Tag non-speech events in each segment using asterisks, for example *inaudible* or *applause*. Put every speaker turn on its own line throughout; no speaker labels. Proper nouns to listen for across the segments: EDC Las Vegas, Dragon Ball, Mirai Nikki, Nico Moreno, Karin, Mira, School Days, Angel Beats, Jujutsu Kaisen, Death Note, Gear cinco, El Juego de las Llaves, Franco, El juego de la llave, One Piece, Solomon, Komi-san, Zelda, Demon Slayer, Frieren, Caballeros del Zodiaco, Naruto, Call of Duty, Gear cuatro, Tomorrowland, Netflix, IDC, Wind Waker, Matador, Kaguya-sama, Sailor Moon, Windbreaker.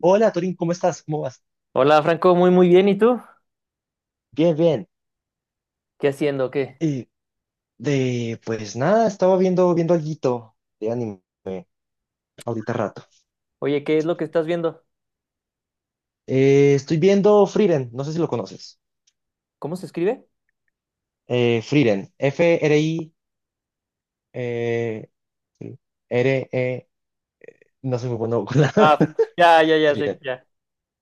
Hola, Torín, ¿cómo estás? ¿Cómo vas?
Hola Franco, muy muy bien. ¿Y tú?
Bien, bien.
¿Qué haciendo? ¿Qué?
Eh, pues nada, estaba viendo alguito de anime ahorita rato.
Oye, ¿qué es lo que estás viendo?
Estoy viendo Frieren, no sé si lo conoces.
¿Cómo se escribe?
Frieren, F-R-I, eh, sí, R-E, no soy muy bueno con la...
Ah,
*laughs*
ya, ya, ya sé,
Frieren,
ya.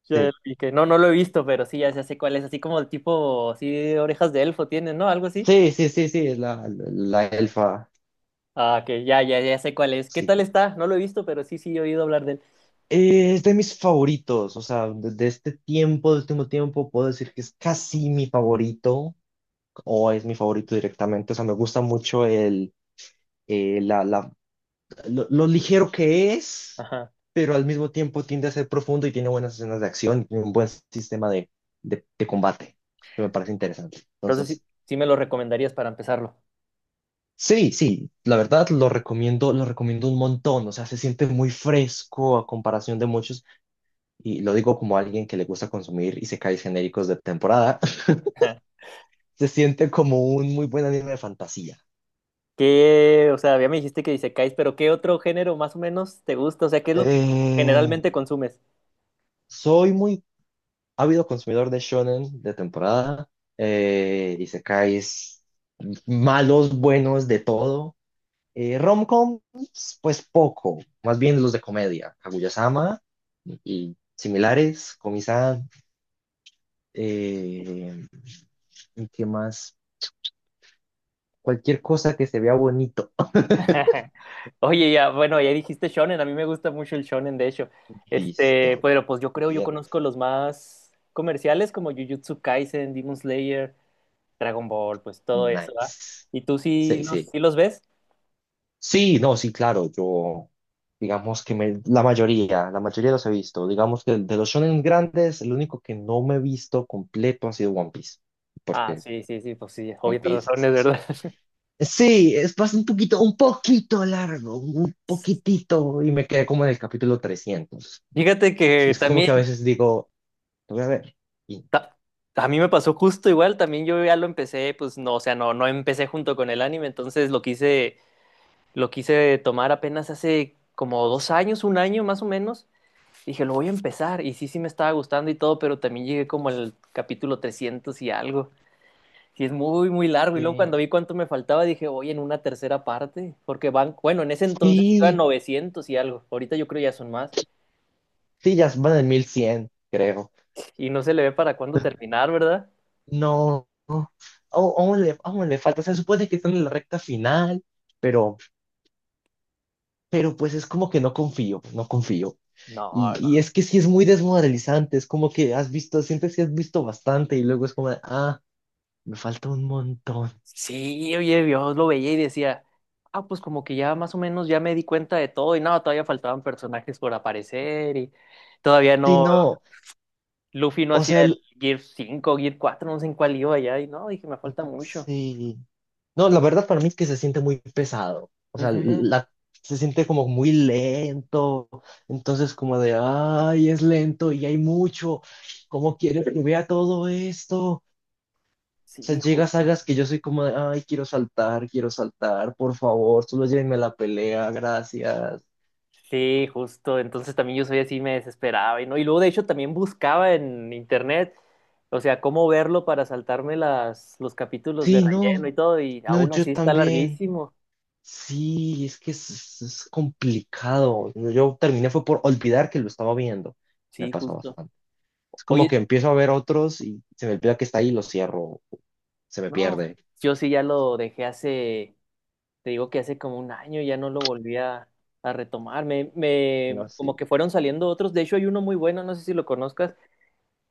Ya lo
sí.
vi que no, no lo he visto, pero sí, ya, ya sé cuál es. Así como el tipo, así orejas de elfo tiene, ¿no? Algo así.
Sí, sí, sí, sí, es la, la elfa,
Ah, que ya, ya, ya sé cuál es. ¿Qué
sí.
tal está? No lo he visto, pero sí, sí, he oído hablar de él.
Es de mis favoritos, o sea, de este tiempo, de este último tiempo, puedo decir que es casi mi favorito. O es mi favorito directamente. O sea, me gusta mucho eh, la, la- lo ligero que es,
Ajá.
pero al mismo tiempo tiende a ser profundo y tiene buenas escenas de acción y tiene un buen sistema de combate, que me parece interesante.
Entonces sí,
Entonces,
sí me lo recomendarías para empezarlo.
sí, sí, la verdad lo recomiendo un montón. O sea, se siente muy fresco a comparación de muchos, y lo digo como alguien que le gusta consumir y isekais genéricos de temporada. *laughs*
Ajá.
Se siente como un muy buen anime de fantasía.
¿Qué? O sea, ya me dijiste que dice Isekais, pero ¿qué otro género más o menos te gusta? O sea, ¿qué es lo que
Eh,
generalmente consumes?
soy muy Ha habido consumidor de shonen de temporada, isekais, malos, buenos, de todo. Romcoms, pues poco, más bien los de comedia, Kaguya-sama y similares, Komi-san, eh, ¿y qué más? Cualquier cosa que se vea bonito.
*laughs* Oye, ya, bueno, ya dijiste shonen, a mí me gusta mucho el shonen, de hecho.
*laughs*
Este,
Listo,
pero pues yo creo, yo
bien,
conozco los más comerciales como Jujutsu Kaisen, Demon Slayer, Dragon Ball, pues todo eso, ¿va?
nice.
¿Y tú
Sí, sí.
sí los ves?
Sí, no, sí, claro, yo digamos que la mayoría los he visto. Digamos que de los shonen grandes, el único que no me he visto completo ha sido One Piece,
Ah,
porque
sí, sí, sí, pues sí,
One
obvias
Piece
razones, ¿verdad? *laughs*
Sí, es bastante un poquito largo, un poquitito, y me quedé como en el capítulo 300.
Fíjate
Y
que
es como que a
también
veces digo, lo voy a ver. Y,
ta- a mí me pasó justo igual, también yo ya lo empecé, pues no, o sea, no, no empecé junto con el anime, entonces lo quise tomar apenas hace como dos años, un año más o menos. Dije, lo voy a empezar. Y sí, sí me estaba gustando y todo, pero también llegué como al capítulo 300 y algo. Y es muy, muy largo. Y luego
eh,
cuando vi cuánto me faltaba, dije, oye, en una tercera parte. Porque van, bueno, en ese entonces iban
sí,
900 y algo. Ahorita yo creo ya son más.
sí, ya van en 1100, creo.
Y no se le ve para cuándo terminar, ¿verdad?
No, no. Aún le falta. Se supone que están en la recta final, pero, pero pues es como que no confío, no confío.
No,
Y,
no.
y es que sí es muy desmoralizante, es como que has visto, sientes que has visto bastante y luego es como, de, ah, me falta un montón.
Sí, oye, Dios lo veía y decía, ah, pues como que ya más o menos ya me di cuenta de todo. Y no, todavía faltaban personajes por aparecer y todavía
Sí,
no,
no,
Luffy no
o
hacía
sea,
el Gear cinco, Gear cuatro, no sé en cuál iba ya, y no, dije, me falta mucho.
sí. No, la verdad para mí es que se siente muy pesado. O sea,
Ujú.
se siente como muy lento. Entonces como de, ay, es lento y hay mucho. ¿Cómo quieres que vea todo esto? Sea,
Sí,
llega a
justo.
sagas que yo soy como de, ay, quiero saltar, por favor, solo llévenme a la pelea, gracias.
Sí, justo. Entonces también yo soy así, me desesperaba y no. Y luego de hecho también buscaba en internet, o sea, cómo verlo para saltarme las, los capítulos de
Sí,
relleno
no,
y todo, y
no,
aún
yo
así está
también.
larguísimo.
Sí, es que es, complicado. Yo terminé fue por olvidar que lo estaba viendo. Me
Sí,
pasa
justo.
bastante. Es como
Oye,
que empiezo a ver otros y se me olvida que está ahí y lo cierro. Se me
no,
pierde.
yo sí ya lo dejé hace. Te digo que hace como un año ya no lo volví a retomar.
No,
Como
sí.
que fueron saliendo otros. De hecho, hay uno muy bueno, no sé si lo conozcas,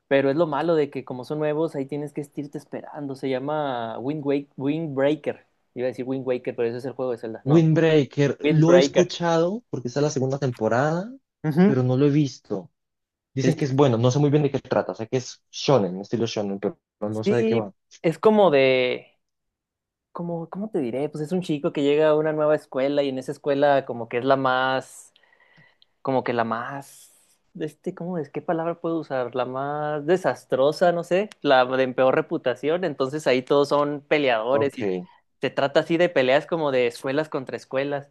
pero es lo malo de que como son nuevos, ahí tienes que estirte esperando. Se llama Wind Wake, Windbreaker. Iba a decir Wind Waker, pero ese es el juego de Zelda. No,
Windbreaker, lo he
Windbreaker.
escuchado porque está la segunda temporada,
Ujú.
pero no lo he visto. Dicen
Es-
que es bueno, no sé muy bien de qué trata, sé que es shonen, estilo shonen, pero no sé de qué
sí,
va.
es como de... Como, ¿cómo te diré? Pues es un chico que llega a una nueva escuela y en esa escuela como que es la más como que la más, este, ¿cómo es? ¿Qué palabra puedo usar? La más desastrosa, no sé, la de peor reputación, entonces ahí todos son peleadores
Ok,
y se trata así de peleas como de escuelas contra escuelas.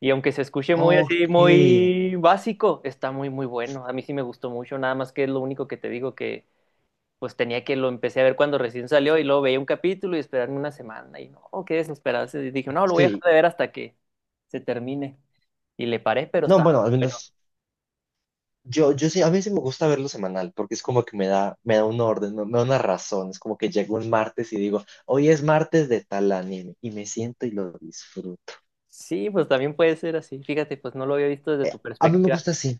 Y aunque se escuche muy así,
ok,
muy básico, está muy, muy bueno. A mí sí me gustó mucho, nada más que es lo único que te digo que pues tenía que lo empecé a ver cuando recién salió y luego veía un capítulo y esperarme una semana y no, qué desesperado. Y dije, no, lo voy a dejar
sí.
de ver hasta que se termine. Y le paré, pero
No,
está.
bueno, al menos yo, yo sí, a mí sí me gusta verlo semanal, porque es como que me da un orden, me da una razón, es como que llego un martes y digo, hoy es martes de tal anime, y me siento y lo disfruto.
Sí, pues también puede ser así. Fíjate, pues no lo había visto desde tu
A mí me
perspectiva.
gusta así,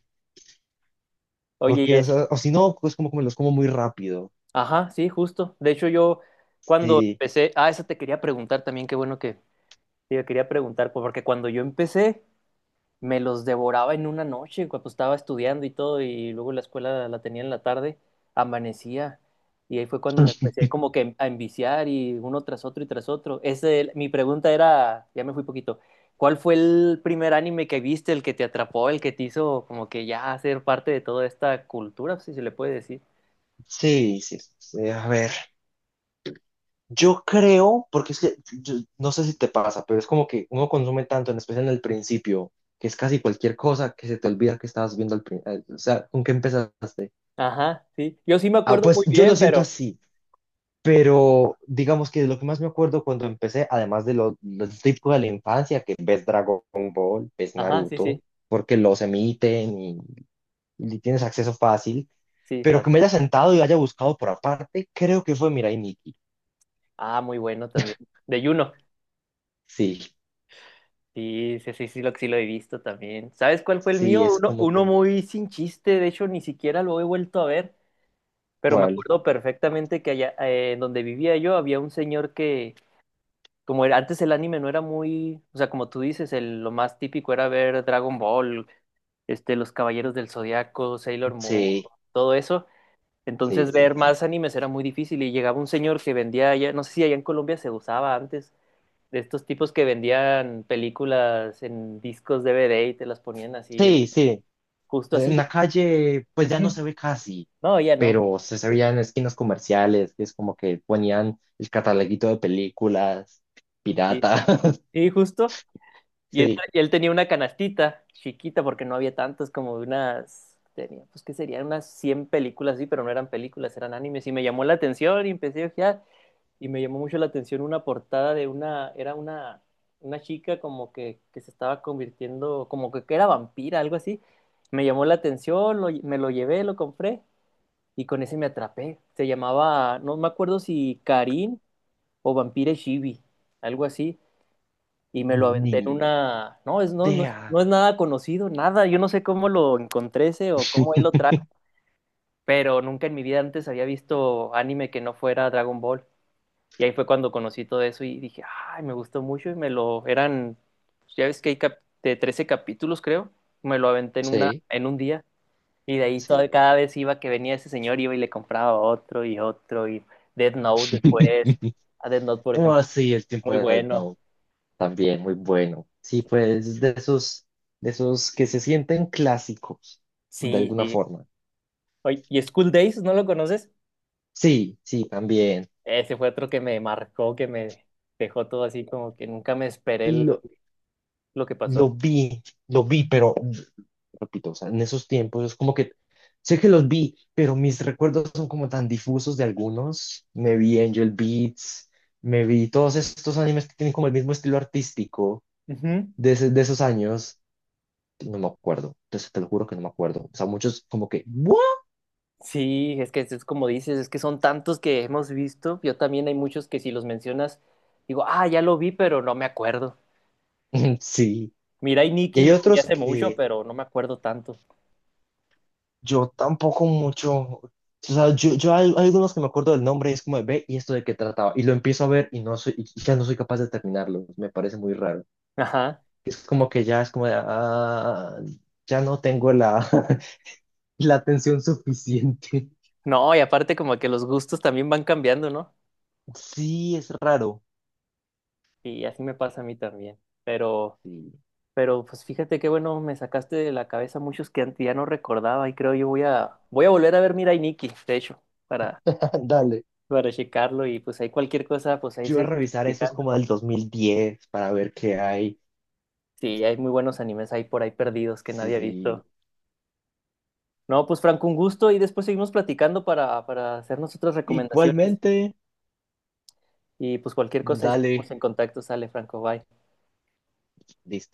Oye,
porque,
y
o
es.
sea, o si no, es como que me los como muy rápido.
Ajá, sí, justo. De hecho, yo cuando
Sí,
empecé, ah, eso te quería preguntar también, qué bueno que te quería preguntar, pues, porque cuando yo empecé, me los devoraba en una noche cuando estaba estudiando y todo, y luego la escuela la tenía en la tarde, amanecía. Y ahí fue cuando me
*clears throat*
empecé como que a enviciar y uno tras otro y tras otro. Ese, mi pregunta era, ya me fui poquito, ¿cuál fue el primer anime que viste, el que te atrapó, el que te hizo como que ya ser parte de toda esta cultura, si se le puede decir?
sí, sí. Sí, a ver. Yo creo, porque es que no sé si te pasa, pero es como que uno consume tanto, en especial en el principio, que es casi cualquier cosa que se te olvida que estabas viendo al principio. O sea, ¿con qué empezaste?
Ajá, sí. Yo sí me
Ah,
acuerdo
pues
muy
yo
bien,
lo siento
pero...
así, pero digamos que de lo que más me acuerdo cuando empecé, además de lo típico de la infancia, que ves Dragon Ball, ves
Ajá, sí,
Naruto,
sí,
porque los emiten y tienes acceso fácil,
sí.
pero que me haya sentado y haya buscado por aparte, creo que fue Mirai Nikki.
Ah, muy bueno también. De Juno.
Sí,
Sí, sí, sí, sí lo he visto también. ¿Sabes cuál fue el mío?
sí, es
Uno,
como
uno
que.
muy sin chiste, de hecho ni siquiera lo he vuelto a ver, pero me
¿Cuál?
acuerdo perfectamente que allá en donde vivía yo había un señor que, como era, antes el anime no era muy, o sea, como tú dices, el, lo más típico era ver Dragon Ball, este, los Caballeros del Zodiaco, Sailor Moon,
Sí,
todo eso.
sí,
Entonces
sí,
ver
sí.
más animes era muy difícil y llegaba un señor que vendía allá, no sé si allá en Colombia se usaba antes de estos tipos que vendían películas en discos DVD y te las ponían así,
Sí, sí.
justo
En
así.
la calle, pues ya no se
Ujú.
ve casi,
No, ya no.
pero se veía en esquinas comerciales, que es como que ponían el cataloguito de películas
Sí,
piratas. *laughs*
sí, justo.
Sí,
Y él tenía una canastita chiquita porque no había tantas, como unas, tenía, pues que serían unas 100 películas, sí, pero no eran películas, eran animes. Y me llamó la atención y empecé a ojear. Y me llamó mucho la atención una portada de una, era una chica como que se estaba convirtiendo, como que era vampira, algo así. Me llamó la atención, me lo llevé, lo compré. Y con ese me atrapé. Se llamaba, no me acuerdo si Karin o Vampire Shibi, algo así. Y me lo
ni
aventé en una. No, es, no, no, es
idea.
no es nada conocido, nada. Yo no sé cómo lo encontré ese o cómo él lo trajo, pero nunca en mi vida antes había visto anime que no fuera Dragon Ball. Y ahí fue cuando conocí todo eso y dije, ay, me gustó mucho y me lo. Eran, ya ves que hay de 13 capítulos, creo. Me lo aventé en una,
Sí,
en un día. Y de ahí
sí.
todo, cada vez iba que venía ese señor, iba y le compraba otro y otro. Y Death Note después.
*laughs*
A Death Note, por ejemplo,
Oh, sí, el tiempo
muy
de
bueno.
no también muy bueno. Sí, pues de esos que se sienten clásicos, de
Sí,
alguna
sí.
forma.
Oye, ¿y School Days? ¿No lo conoces?
Sí, sí, también.
Ese fue otro que me marcó, que me dejó todo así como que nunca me esperé
Lo-
lo que pasó.
Lo vi, lo vi, pero repito, o sea, en esos tiempos es como que sé que los vi, pero mis recuerdos son como tan difusos de algunos. Me vi Angel Beats, me vi todos estos animes que tienen como el mismo estilo artístico
Ujú.
de esos años. No me acuerdo, entonces te lo juro que no me acuerdo. O sea, muchos como que, ¿what?
Sí, es que es como dices, es que son tantos que hemos visto. Yo también hay muchos que si los mencionas, digo, ah, ya lo vi, pero no me acuerdo.
*laughs* Sí.
Mira, y
Y
Nicky
hay
lo vi
otros
hace mucho,
que
pero no me acuerdo tanto.
Yo tampoco mucho. O sea, yo hay algunos que me acuerdo del nombre y es como de ve y esto de qué trataba. Y lo empiezo a ver y no soy, y ya no soy capaz de terminarlo. Me parece muy raro.
Ajá.
Es como que ya es como de, ah, ya no tengo la, *laughs* la atención suficiente.
No, y aparte como que los gustos también van cambiando, ¿no?
Sí, es raro.
Y así me pasa a mí también. Pero,
Sí.
pero pues fíjate qué bueno, me sacaste de la cabeza muchos que antes ya no recordaba y creo yo voy a, voy a volver a ver Mira y Nikki, de hecho, para,
*laughs* Dale.
para checarlo y pues ahí cualquier cosa, pues ahí
Yo voy a
seguimos
revisar eso es
platicando.
como del 2010 para ver qué hay.
Sí, hay muy buenos animes ahí por ahí perdidos que nadie ha
Sí.
visto. No, pues Franco, un gusto y después seguimos platicando para hacernos otras recomendaciones
Igualmente,
y pues cualquier cosa ahí seguimos
dale.
en contacto, sale Franco, bye.
Listo.